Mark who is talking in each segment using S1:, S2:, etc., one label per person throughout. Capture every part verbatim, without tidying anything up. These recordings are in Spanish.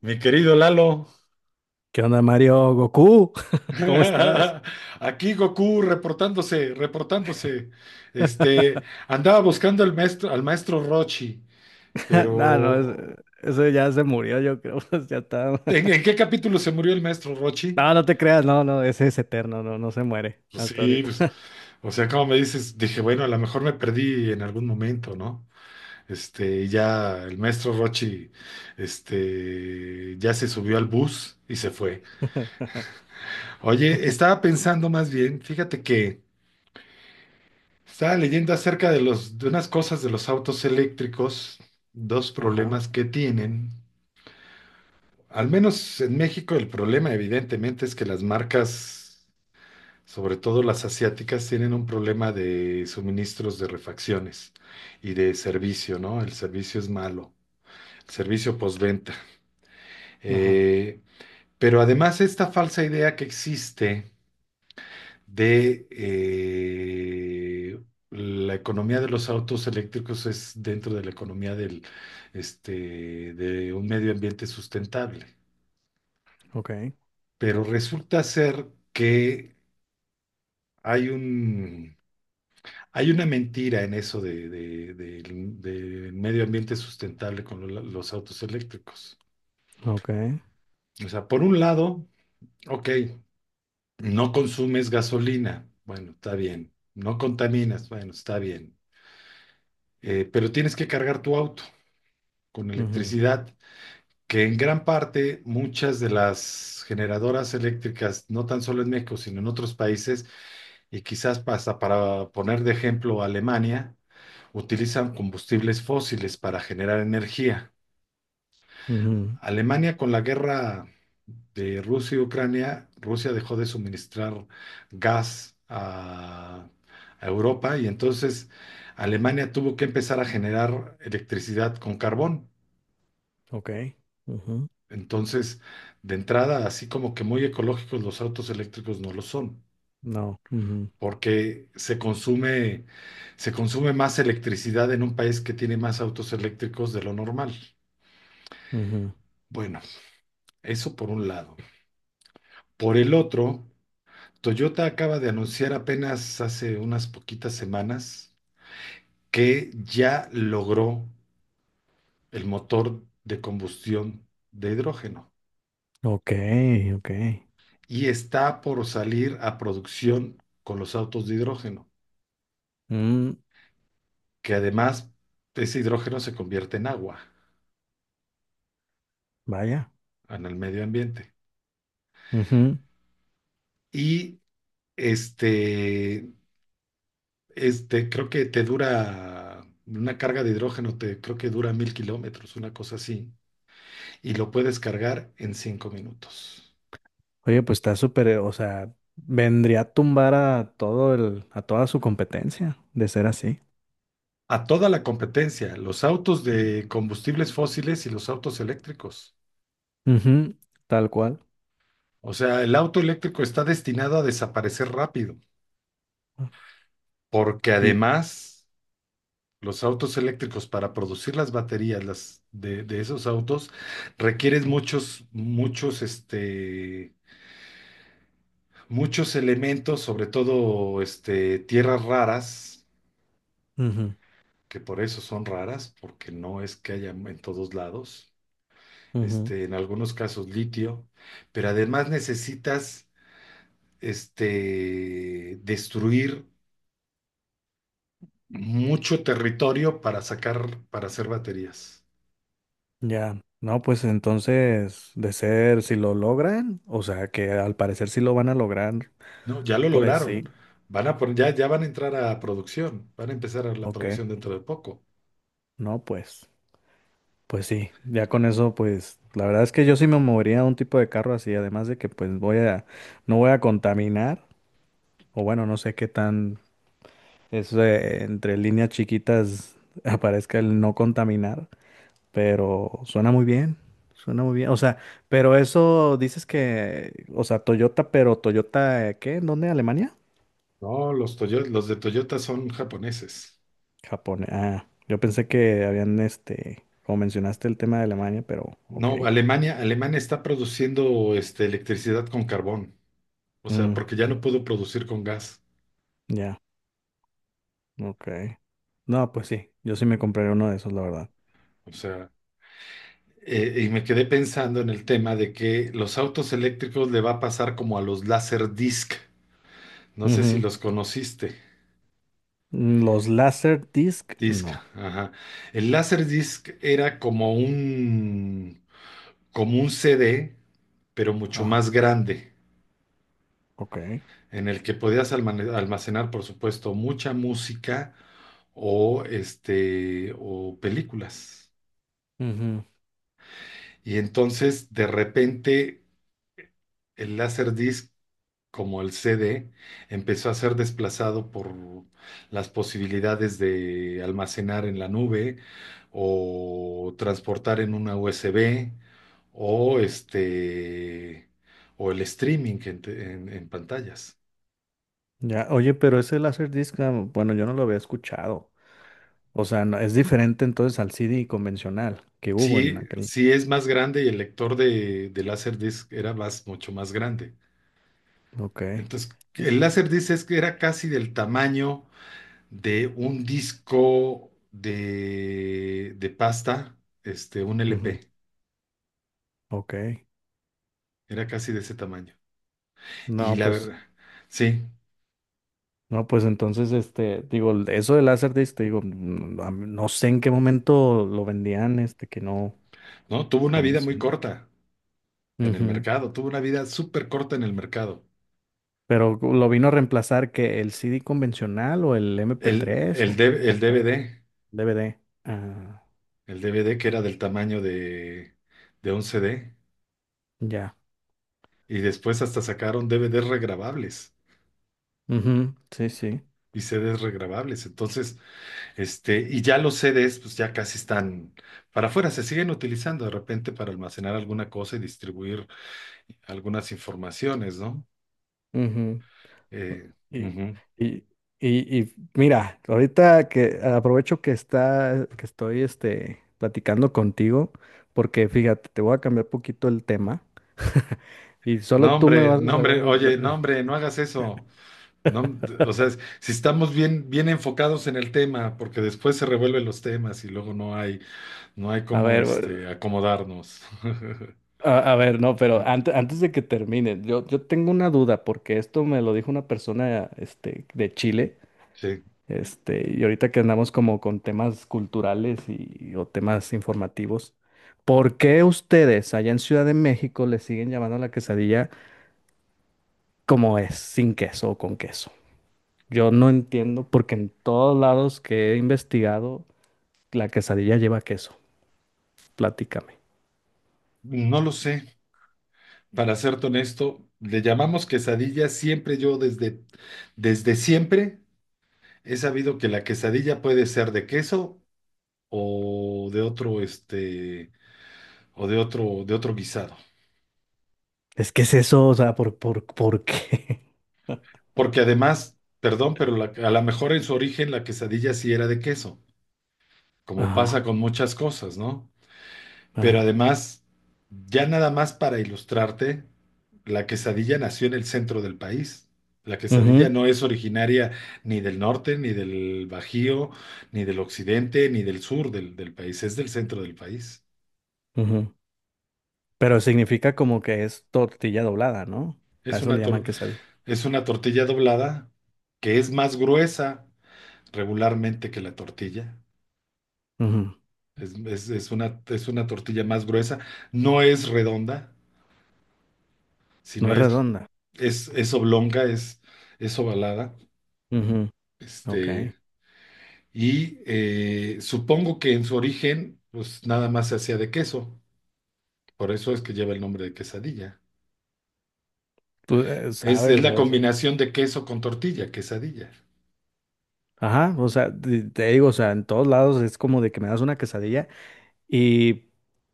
S1: Mi querido Lalo,
S2: ¿Qué onda, Mario? Goku, ¿cómo estás?
S1: aquí Goku reportándose, reportándose. Este, andaba buscando al maestro, al maestro Rochi,
S2: No, no,
S1: pero
S2: es- eso ya se murió, yo creo, pues, ya está.
S1: ¿en, en qué capítulo se murió el maestro Rochi?
S2: No, no te creas, no, no, ese es eterno, no, no se muere
S1: Pues
S2: hasta
S1: sí,
S2: ahorita.
S1: pues, o sea, como me dices, dije, bueno, a lo mejor me perdí en algún momento, ¿no? Este, y ya el maestro Rochi, este, ya se subió al bus y se fue. Oye, estaba pensando más bien, fíjate que estaba leyendo acerca de los, de unas cosas de los autos eléctricos, dos
S2: Ajá,
S1: problemas que tienen. Al menos en México el problema evidentemente es que las marcas, sobre todo las asiáticas, tienen un problema de suministros de refacciones y de servicio, ¿no? El servicio es malo, el servicio postventa.
S2: ajá,
S1: Eh, pero además esta falsa idea que existe de eh, la economía de los autos eléctricos es dentro de la economía del, este, de un medio ambiente sustentable.
S2: ok,
S1: Pero resulta ser que hay un, hay una mentira en eso de, de- del del medio ambiente sustentable con lo- los autos eléctricos.
S2: ok,
S1: O sea, por un lado, ok, no consumes gasolina, bueno, está bien. No contaminas, bueno, está bien. Eh, pero tienes que cargar tu auto con
S2: ujú,
S1: electricidad, que en gran parte muchas de las generadoras eléctricas, no tan solo en México, sino en otros países, y quizás hasta para poner de ejemplo Alemania, utilizan combustibles fósiles para generar energía.
S2: ujú,
S1: Alemania con la guerra de Rusia y Ucrania, Rusia dejó de suministrar gas a, a Europa y entonces Alemania tuvo que empezar a generar electricidad con carbón.
S2: ok, ujú,
S1: Entonces, de entrada, así como que muy ecológicos los autos eléctricos no lo son,
S2: no, ujú,
S1: porque se consume, se consume más electricidad en un país que tiene más autos eléctricos de lo normal.
S2: ujú,
S1: Bueno, eso por un lado. Por el otro, Toyota acaba de anunciar apenas hace unas poquitas semanas que ya logró el motor de combustión de hidrógeno
S2: ok, ok,
S1: y está por salir a producción con los autos de hidrógeno,
S2: mm,
S1: que además ese hidrógeno se convierte en agua,
S2: vaya,
S1: en el medio ambiente.
S2: ujú.
S1: Y este, este, creo que te dura una carga de hidrógeno, te, creo que dura mil kilómetros, una cosa así, y lo puedes cargar en cinco minutos.
S2: Oye, pues está súper, eh, o sea, vendría a tumbar a todo el, a toda su competencia de ser así.
S1: A toda la competencia, los autos
S2: Ujú,
S1: de combustibles fósiles y los autos eléctricos.
S2: tal cual.
S1: O sea, el auto eléctrico está destinado a desaparecer rápido, porque
S2: Y,
S1: además los autos eléctricos para producir las baterías las de, de esos autos requieren muchos, muchos, este, muchos elementos, sobre todo este, tierras raras,
S2: ujú,
S1: que por eso son raras, porque no es que haya en todos lados,
S2: ujú,
S1: este, en algunos casos litio, pero además necesitas este, destruir mucho territorio para sacar, para hacer baterías.
S2: ya. No, pues entonces, de ser, si lo logran, o sea, que al parecer sí lo van a lograr,
S1: No, ya lo
S2: pues
S1: lograron.
S2: sí,
S1: Van a poner, ya, ya van a entrar a producción. Van a empezar a la
S2: ok.
S1: producción dentro de poco.
S2: No, pues, pues sí, ya con eso, pues, la verdad es que yo sí me movería a un tipo de carro así, además de que, pues, voy a, no voy a contaminar, o bueno, no sé qué tan, eso de entre líneas chiquitas aparezca el no contaminar. Pero suena muy bien, suena muy bien. O sea, pero eso dices que, o sea, Toyota, pero Toyota, eh, ¿qué? ¿En ¿Dónde? ¿Alemania?
S1: No, los Toyo- los de Toyota son japoneses.
S2: Japón. Ah, yo pensé que habían, este, como mencionaste el tema de Alemania, pero ok.
S1: No, Alemania, Alemania está produciendo este, electricidad con carbón. O sea,
S2: Mm,
S1: porque ya no pudo producir con gas.
S2: ya, ok. No, pues sí, yo sí me compraría uno de esos, la verdad.
S1: O sea, eh, y me quedé pensando en el tema de que los autos eléctricos le va a pasar como a los Laserdisc. No sé si
S2: Ujú.
S1: los conociste.
S2: Mm, los Laserdisc,
S1: Disc,
S2: no.
S1: ajá. El Laserdisc era como un como un C D, pero mucho
S2: Ajá,
S1: más grande,
S2: ok.
S1: en el que podías almane- almacenar, por supuesto, mucha música o, este, o películas.
S2: Ujú.
S1: Y entonces, de repente, el Laserdisc, como el C D, empezó a ser desplazado por las posibilidades de almacenar en la nube o transportar en una U S B o este o el streaming en, te- en en pantallas.
S2: Ya, oye, pero ese Laserdisc, ah, bueno, yo no lo había escuchado. O sea, no- es diferente entonces al C D convencional que hubo en
S1: Sí,
S2: aquel.
S1: sí es más grande y el lector de, de Laserdisc era más, mucho más grande.
S2: Ok.
S1: Entonces, el
S2: Y-
S1: Laserdisc es que era casi del tamaño de un disco de, de pasta, este, un
S2: Ujú.
S1: L P.
S2: Ok.
S1: Era casi de ese tamaño. Y
S2: No,
S1: la
S2: pues,
S1: verdad, sí,
S2: no, pues entonces, este, digo, eso del Laserdisc, te digo, mm, a mí- no sé en qué momento lo vendían, este, que no,
S1: ¿no? Tuvo una
S2: no me
S1: vida muy
S2: suena.
S1: corta en el
S2: Ujú.
S1: mercado, tuvo una vida súper corta en el mercado.
S2: Pero lo vino a reemplazar que el C D convencional o el mp
S1: El,
S2: tres
S1: el,
S2: o,
S1: D- el
S2: o no,
S1: D V D,
S2: D V D. Ah,
S1: el D V D que era del tamaño de, de un C D.
S2: ya.
S1: Y después hasta sacaron D V Ds regrabables
S2: Ujú, sí, sí.
S1: y C Ds regrabables. Entonces, este, y ya los C Ds, pues ya casi están para afuera, se siguen utilizando de repente para almacenar alguna cosa y distribuir algunas informaciones, ¿no?
S2: Ujú.
S1: Eh,
S2: Y,
S1: ujú.
S2: y, y, y mira, ahorita que aprovecho que está, que estoy este, platicando contigo, porque fíjate, te voy a cambiar poquito el tema. Y solo
S1: No,
S2: tú me
S1: hombre,
S2: vas a
S1: no,
S2: saber.
S1: hombre, oye, no,
S2: re-
S1: hombre, no hagas eso. No, o sea, si estamos bien, bien enfocados en el tema, porque después se revuelven los temas y luego no hay, no hay
S2: A
S1: cómo,
S2: ver,
S1: este,
S2: bueno,
S1: acomodarnos.
S2: a, a ver, no, pero antes, antes de que termine, yo, yo tengo una duda, porque esto me lo dijo una persona este, de Chile.
S1: Sí.
S2: Este, y ahorita que andamos como con temas culturales y, o temas informativos, ¿por qué ustedes allá en Ciudad de México le siguen llamando a la quesadilla como es, sin queso o con queso? Yo no entiendo porque en todos lados que he investigado, la quesadilla lleva queso. Platícame.
S1: No lo sé. Para serte honesto, le llamamos quesadilla. Siempre yo desde, desde siempre he sabido que la quesadilla puede ser de queso o de otro, este, o de otro, de otro guisado.
S2: Es que es eso, o sea, ¿por, por, por qué?
S1: Porque además, perdón, pero la- a lo mejor en su origen la quesadilla sí era de queso, como
S2: Ajá,
S1: pasa con muchas cosas, ¿no? Pero
S2: ajá.
S1: además, ya nada más para ilustrarte. La quesadilla nació en el centro del país. La
S2: Ujú,
S1: quesadilla no es originaria ni del norte, ni del Bajío, ni del occidente, ni del sur del, del país. Es del centro del país.
S2: ujú. Pero significa como que es tortilla doblada, ¿no? A
S1: Es
S2: eso le
S1: una,
S2: llaman
S1: tor-
S2: quesadilla.
S1: es una tortilla doblada que es más gruesa regularmente que la tortilla.
S2: Ujú.
S1: Es, es- es una, es una tortilla más gruesa. No es redonda,
S2: No
S1: sino
S2: es
S1: es,
S2: redonda.
S1: es, es oblonga, es, es ovalada.
S2: Ok,
S1: Este, Y eh, supongo que en su origen, pues nada más se hacía de queso. Por eso es que lleva el nombre de quesadilla.
S2: tú eh,
S1: Es, es
S2: sabes
S1: la
S2: eso.
S1: combinación de queso con tortilla, quesadilla.
S2: Ajá, o sea, te, te digo, o sea, en todos lados es como de que me das una quesadilla y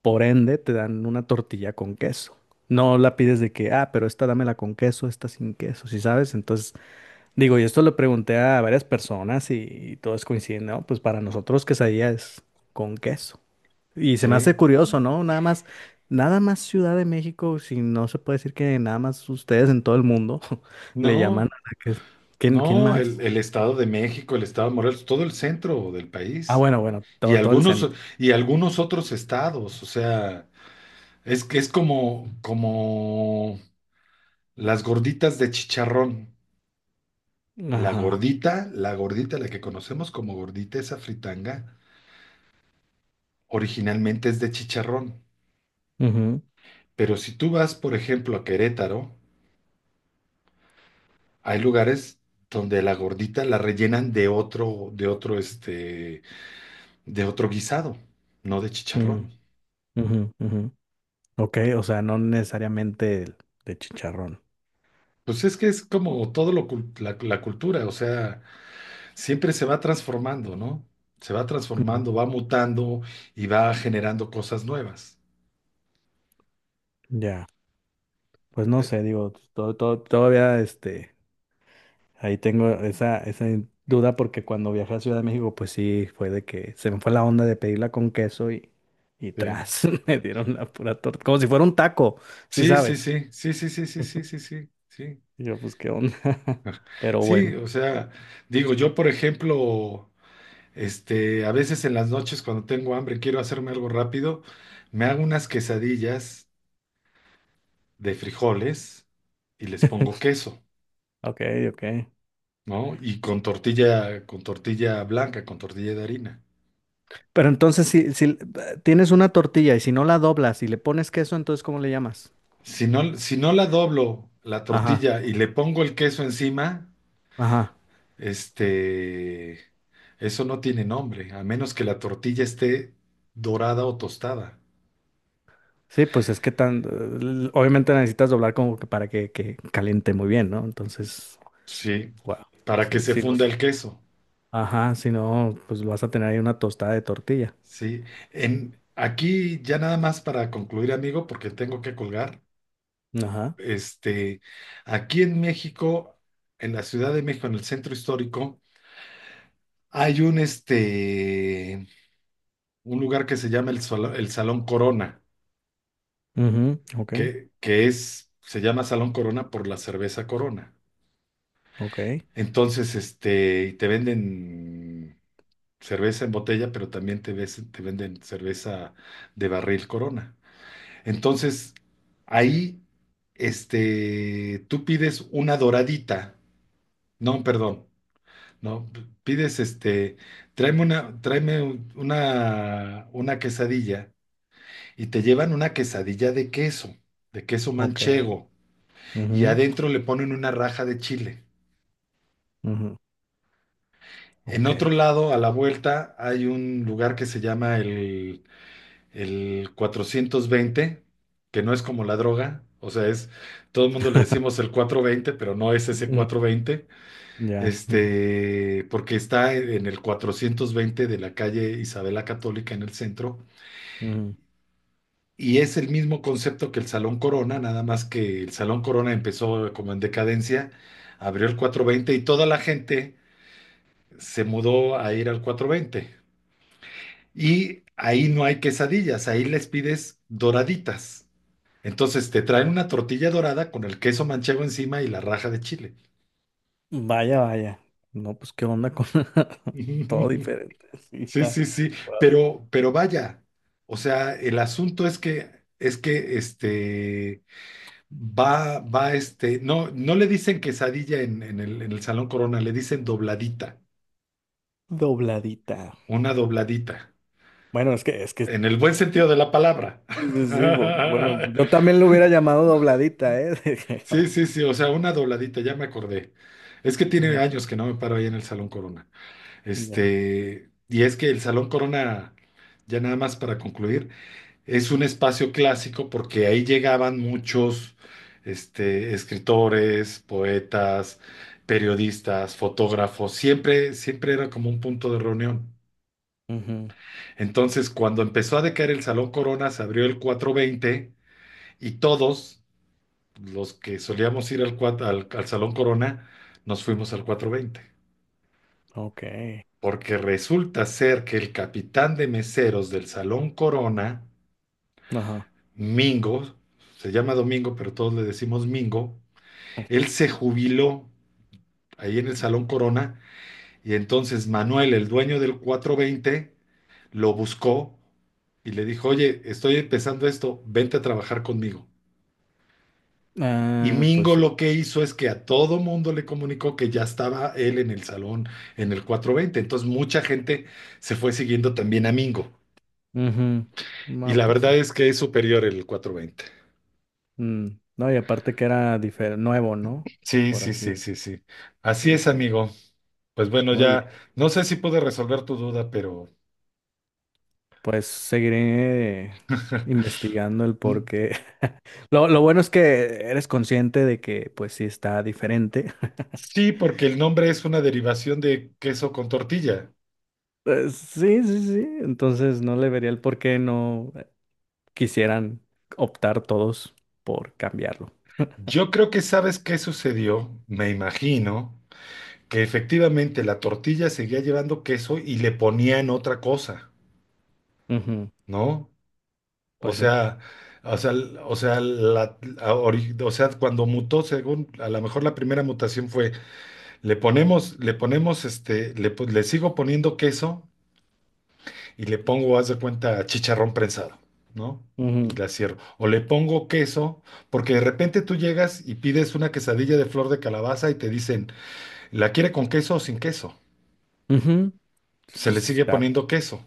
S2: por ende te dan una tortilla con queso. No la pides de que, ah, pero esta dámela con queso, esta sin queso, ¿sí sabes? Entonces, digo, y esto lo pregunté a varias personas y, todos coinciden, ¿no? Pues para nosotros quesadilla es con queso. Y se me
S1: Sí.
S2: hace curioso, ¿no? Nada más, nada más Ciudad de México, si no se puede decir que nada más ustedes en todo el mundo le llaman
S1: No,
S2: a la que ¿Quién, quién
S1: no, el,
S2: más?
S1: el Estado de México, el Estado de Morelos, todo el centro del
S2: Ah,
S1: país.
S2: bueno, bueno,
S1: Y
S2: todo, todo el
S1: algunos,
S2: centro.
S1: y algunos otros estados. O sea, es que es como, como las gorditas de chicharrón. La
S2: Ajá.
S1: gordita, la gordita, la que conocemos como gordita, esa fritanga, originalmente es de chicharrón,
S2: Ujú,
S1: pero si tú vas, por ejemplo, a Querétaro, hay lugares donde la gordita la rellenan de otro, de otro, este, de otro guisado, no de
S2: mm,
S1: chicharrón.
S2: ujú, ujú. Ok, o sea, no necesariamente el de chicharrón.
S1: Pues es que es como todo lo, cul- la, la cultura, o sea, siempre se va transformando, ¿no? Se va
S2: Ujú.
S1: transformando, va mutando y va generando cosas nuevas.
S2: Ya, pues no sé, digo, todo, todo, todavía este. Ahí tengo esa, esa duda porque cuando viajé a Ciudad de México, pues sí, fue de que se me fue la onda de pedirla con queso y, y
S1: Eh,
S2: tras, me dieron la pura torta, como si fuera un taco, sí
S1: Sí, sí,
S2: sabes.
S1: sí, sí, sí, sí, sí, sí, sí, sí, sí. Sí,
S2: Y yo, pues qué onda, pero
S1: sí,
S2: bueno,
S1: o sea, digo, yo por ejemplo, Este, a veces en las noches cuando tengo hambre, quiero hacerme algo rápido, me hago unas quesadillas de frijoles y les pongo queso,
S2: ok, ok.
S1: ¿no? Y con tortilla, con tortilla blanca, con tortilla de harina.
S2: Pero entonces, si, si eh, tienes una tortilla y si no la doblas y le pones queso, entonces, ¿cómo le llamas?
S1: Si no, si no la doblo la
S2: Ajá,
S1: tortilla y le pongo el queso encima,
S2: ajá.
S1: este, eso no tiene nombre, a menos que la tortilla esté dorada o tostada.
S2: Sí, pues es que tan, eh, obviamente la necesitas doblar como que para que, que caliente muy bien, ¿no? Entonces,
S1: Sí,
S2: wow,
S1: para que
S2: sí,
S1: se
S2: sí, no.
S1: funda el queso.
S2: Ajá, si no, pues vas a tener ahí una tostada de tortilla.
S1: Sí, en, aquí ya nada más para concluir, amigo, porque tengo que colgar.
S2: Ajá.
S1: Este, aquí en México, en la Ciudad de México, en el centro histórico, hay un, este, un lugar que se llama el, Sol- el Salón Corona,
S2: Mhm, ok,
S1: que, que es, se llama Salón Corona por la cerveza Corona.
S2: ok,
S1: Entonces, este, te venden cerveza en botella, pero también te, ves- te venden cerveza de barril Corona. Entonces, ahí, este, tú pides una doradita, no, perdón, no, p- pides, este, tráeme una, tráeme un- una, una quesadilla y te llevan una quesadilla de queso, de queso
S2: ok.
S1: manchego, y
S2: Ujú,
S1: adentro le ponen una raja de chile.
S2: ujú,
S1: En
S2: ok.
S1: otro lado, a la vuelta, hay un lugar que se llama el el cuatrocientos veinte, que no es como la droga, o sea, es, todo el mundo le decimos el cuatrocientos veinte pero no es ese
S2: Mm,
S1: cuatrocientos veinte,
S2: ya. Ujú,
S1: este, porque está en el cuatrocientos veinte de la calle Isabela Católica en el centro,
S2: ujú.
S1: y es el mismo concepto que el Salón Corona, nada más que el Salón Corona empezó como en decadencia, abrió el cuatrocientos veinte y toda la gente se mudó a ir al cuatrocientos veinte. Y ahí no hay quesadillas, ahí les pides doraditas. Entonces te traen una tortilla dorada con el queso manchego encima y la raja de chile.
S2: Vaya, vaya. No, pues qué onda con todo diferente. Sí,
S1: Sí,
S2: está
S1: sí, sí,
S2: guau,
S1: pero, pero vaya, o sea, el asunto es que, es que, este, va, va, este, no, no le dicen quesadilla en, en el, en el Salón Corona, le dicen dobladita,
S2: dobladita.
S1: una dobladita,
S2: Bueno, es que, es que, sí,
S1: en el buen sentido de la palabra.
S2: sí, sí, bu- bueno, yo también lo hubiera llamado dobladita, ¿eh? Dije,
S1: Sí,
S2: "Ah,
S1: sí, sí, o sea, una dobladita, ya me acordé. Es que tiene
S2: ujú,
S1: años que no me paro ahí en el Salón Corona.
S2: ya.
S1: Este, y es que el Salón Corona, ya nada más para concluir, es un espacio clásico porque ahí llegaban muchos, este, escritores, poetas, periodistas, fotógrafos, siempre, siempre era como un punto de reunión.
S2: Ujú,
S1: Entonces, cuando empezó a decaer el Salón Corona, se abrió el cuatro veinte y todos los que solíamos ir al, cuat- al, al Salón Corona, nos fuimos al cuatro veinte,
S2: ok.
S1: porque resulta ser que el capitán de meseros del Salón Corona,
S2: Ajá.
S1: Mingo, se llama Domingo, pero todos le decimos Mingo, él se jubiló ahí en el Salón Corona y entonces Manuel, el dueño del cuatro veinte, lo buscó y le dijo, oye, estoy empezando esto, vente a trabajar conmigo. Y
S2: Ah, pues
S1: Mingo
S2: sí.
S1: lo que hizo es que a todo mundo le comunicó que ya estaba él en el salón en el cuatro veinte. Entonces mucha gente se fue siguiendo también a Mingo.
S2: Ujú.
S1: Y
S2: No,
S1: la
S2: pues
S1: verdad
S2: sí.
S1: es que es superior el cuatro veinte.
S2: Mm, no, y aparte que era difer- nuevo, ¿no?
S1: Sí,
S2: Por
S1: sí,
S2: así
S1: sí, sí, sí. Así
S2: se
S1: es,
S2: sí.
S1: amigo. Pues bueno,
S2: Muy
S1: ya
S2: bien.
S1: no sé si pude resolver tu duda, pero
S2: Pues seguiré investigando el por
S1: mm,
S2: qué. Lo, lo bueno es que eres consciente de que, pues sí, está diferente.
S1: sí, porque el nombre es una derivación de queso con tortilla.
S2: Pues, sí, sí, sí. Entonces no le vería el por qué no eh, quisieran optar todos por cambiarlo.
S1: Yo creo que sabes qué sucedió, me imagino, que efectivamente la tortilla seguía llevando queso y le ponían otra cosa,
S2: Ujú.
S1: ¿no? O
S2: Pues sí.
S1: sea, o sea, l- o sea, la, a- ori- o sea, cuando mutó, según, a lo mejor la primera mutación fue, le ponemos, le ponemos, este, le, po- le sigo poniendo queso y le pongo, haz de cuenta, chicharrón prensado, ¿no? Y
S2: Ujú.
S1: la cierro. O le pongo queso, porque de repente tú llegas y pides una quesadilla de flor de calabaza y te dicen, ¿la quiere con queso o sin queso?
S2: Ujú.
S1: Se le
S2: Pues
S1: sigue
S2: está.
S1: poniendo queso.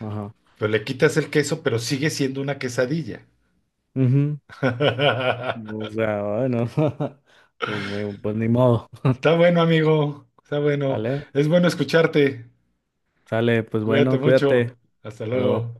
S2: raro.
S1: Pero le quitas el queso, pero sigue siendo una quesadilla.
S2: Ajá. O sea, bueno, pues, muy, pues ni modo.
S1: Está bueno, amigo. Está bueno.
S2: ¿Sale?
S1: Es bueno escucharte.
S2: Sale, pues
S1: Cuídate
S2: bueno,
S1: mucho.
S2: cuídate.
S1: Hasta
S2: Hasta luego.
S1: luego.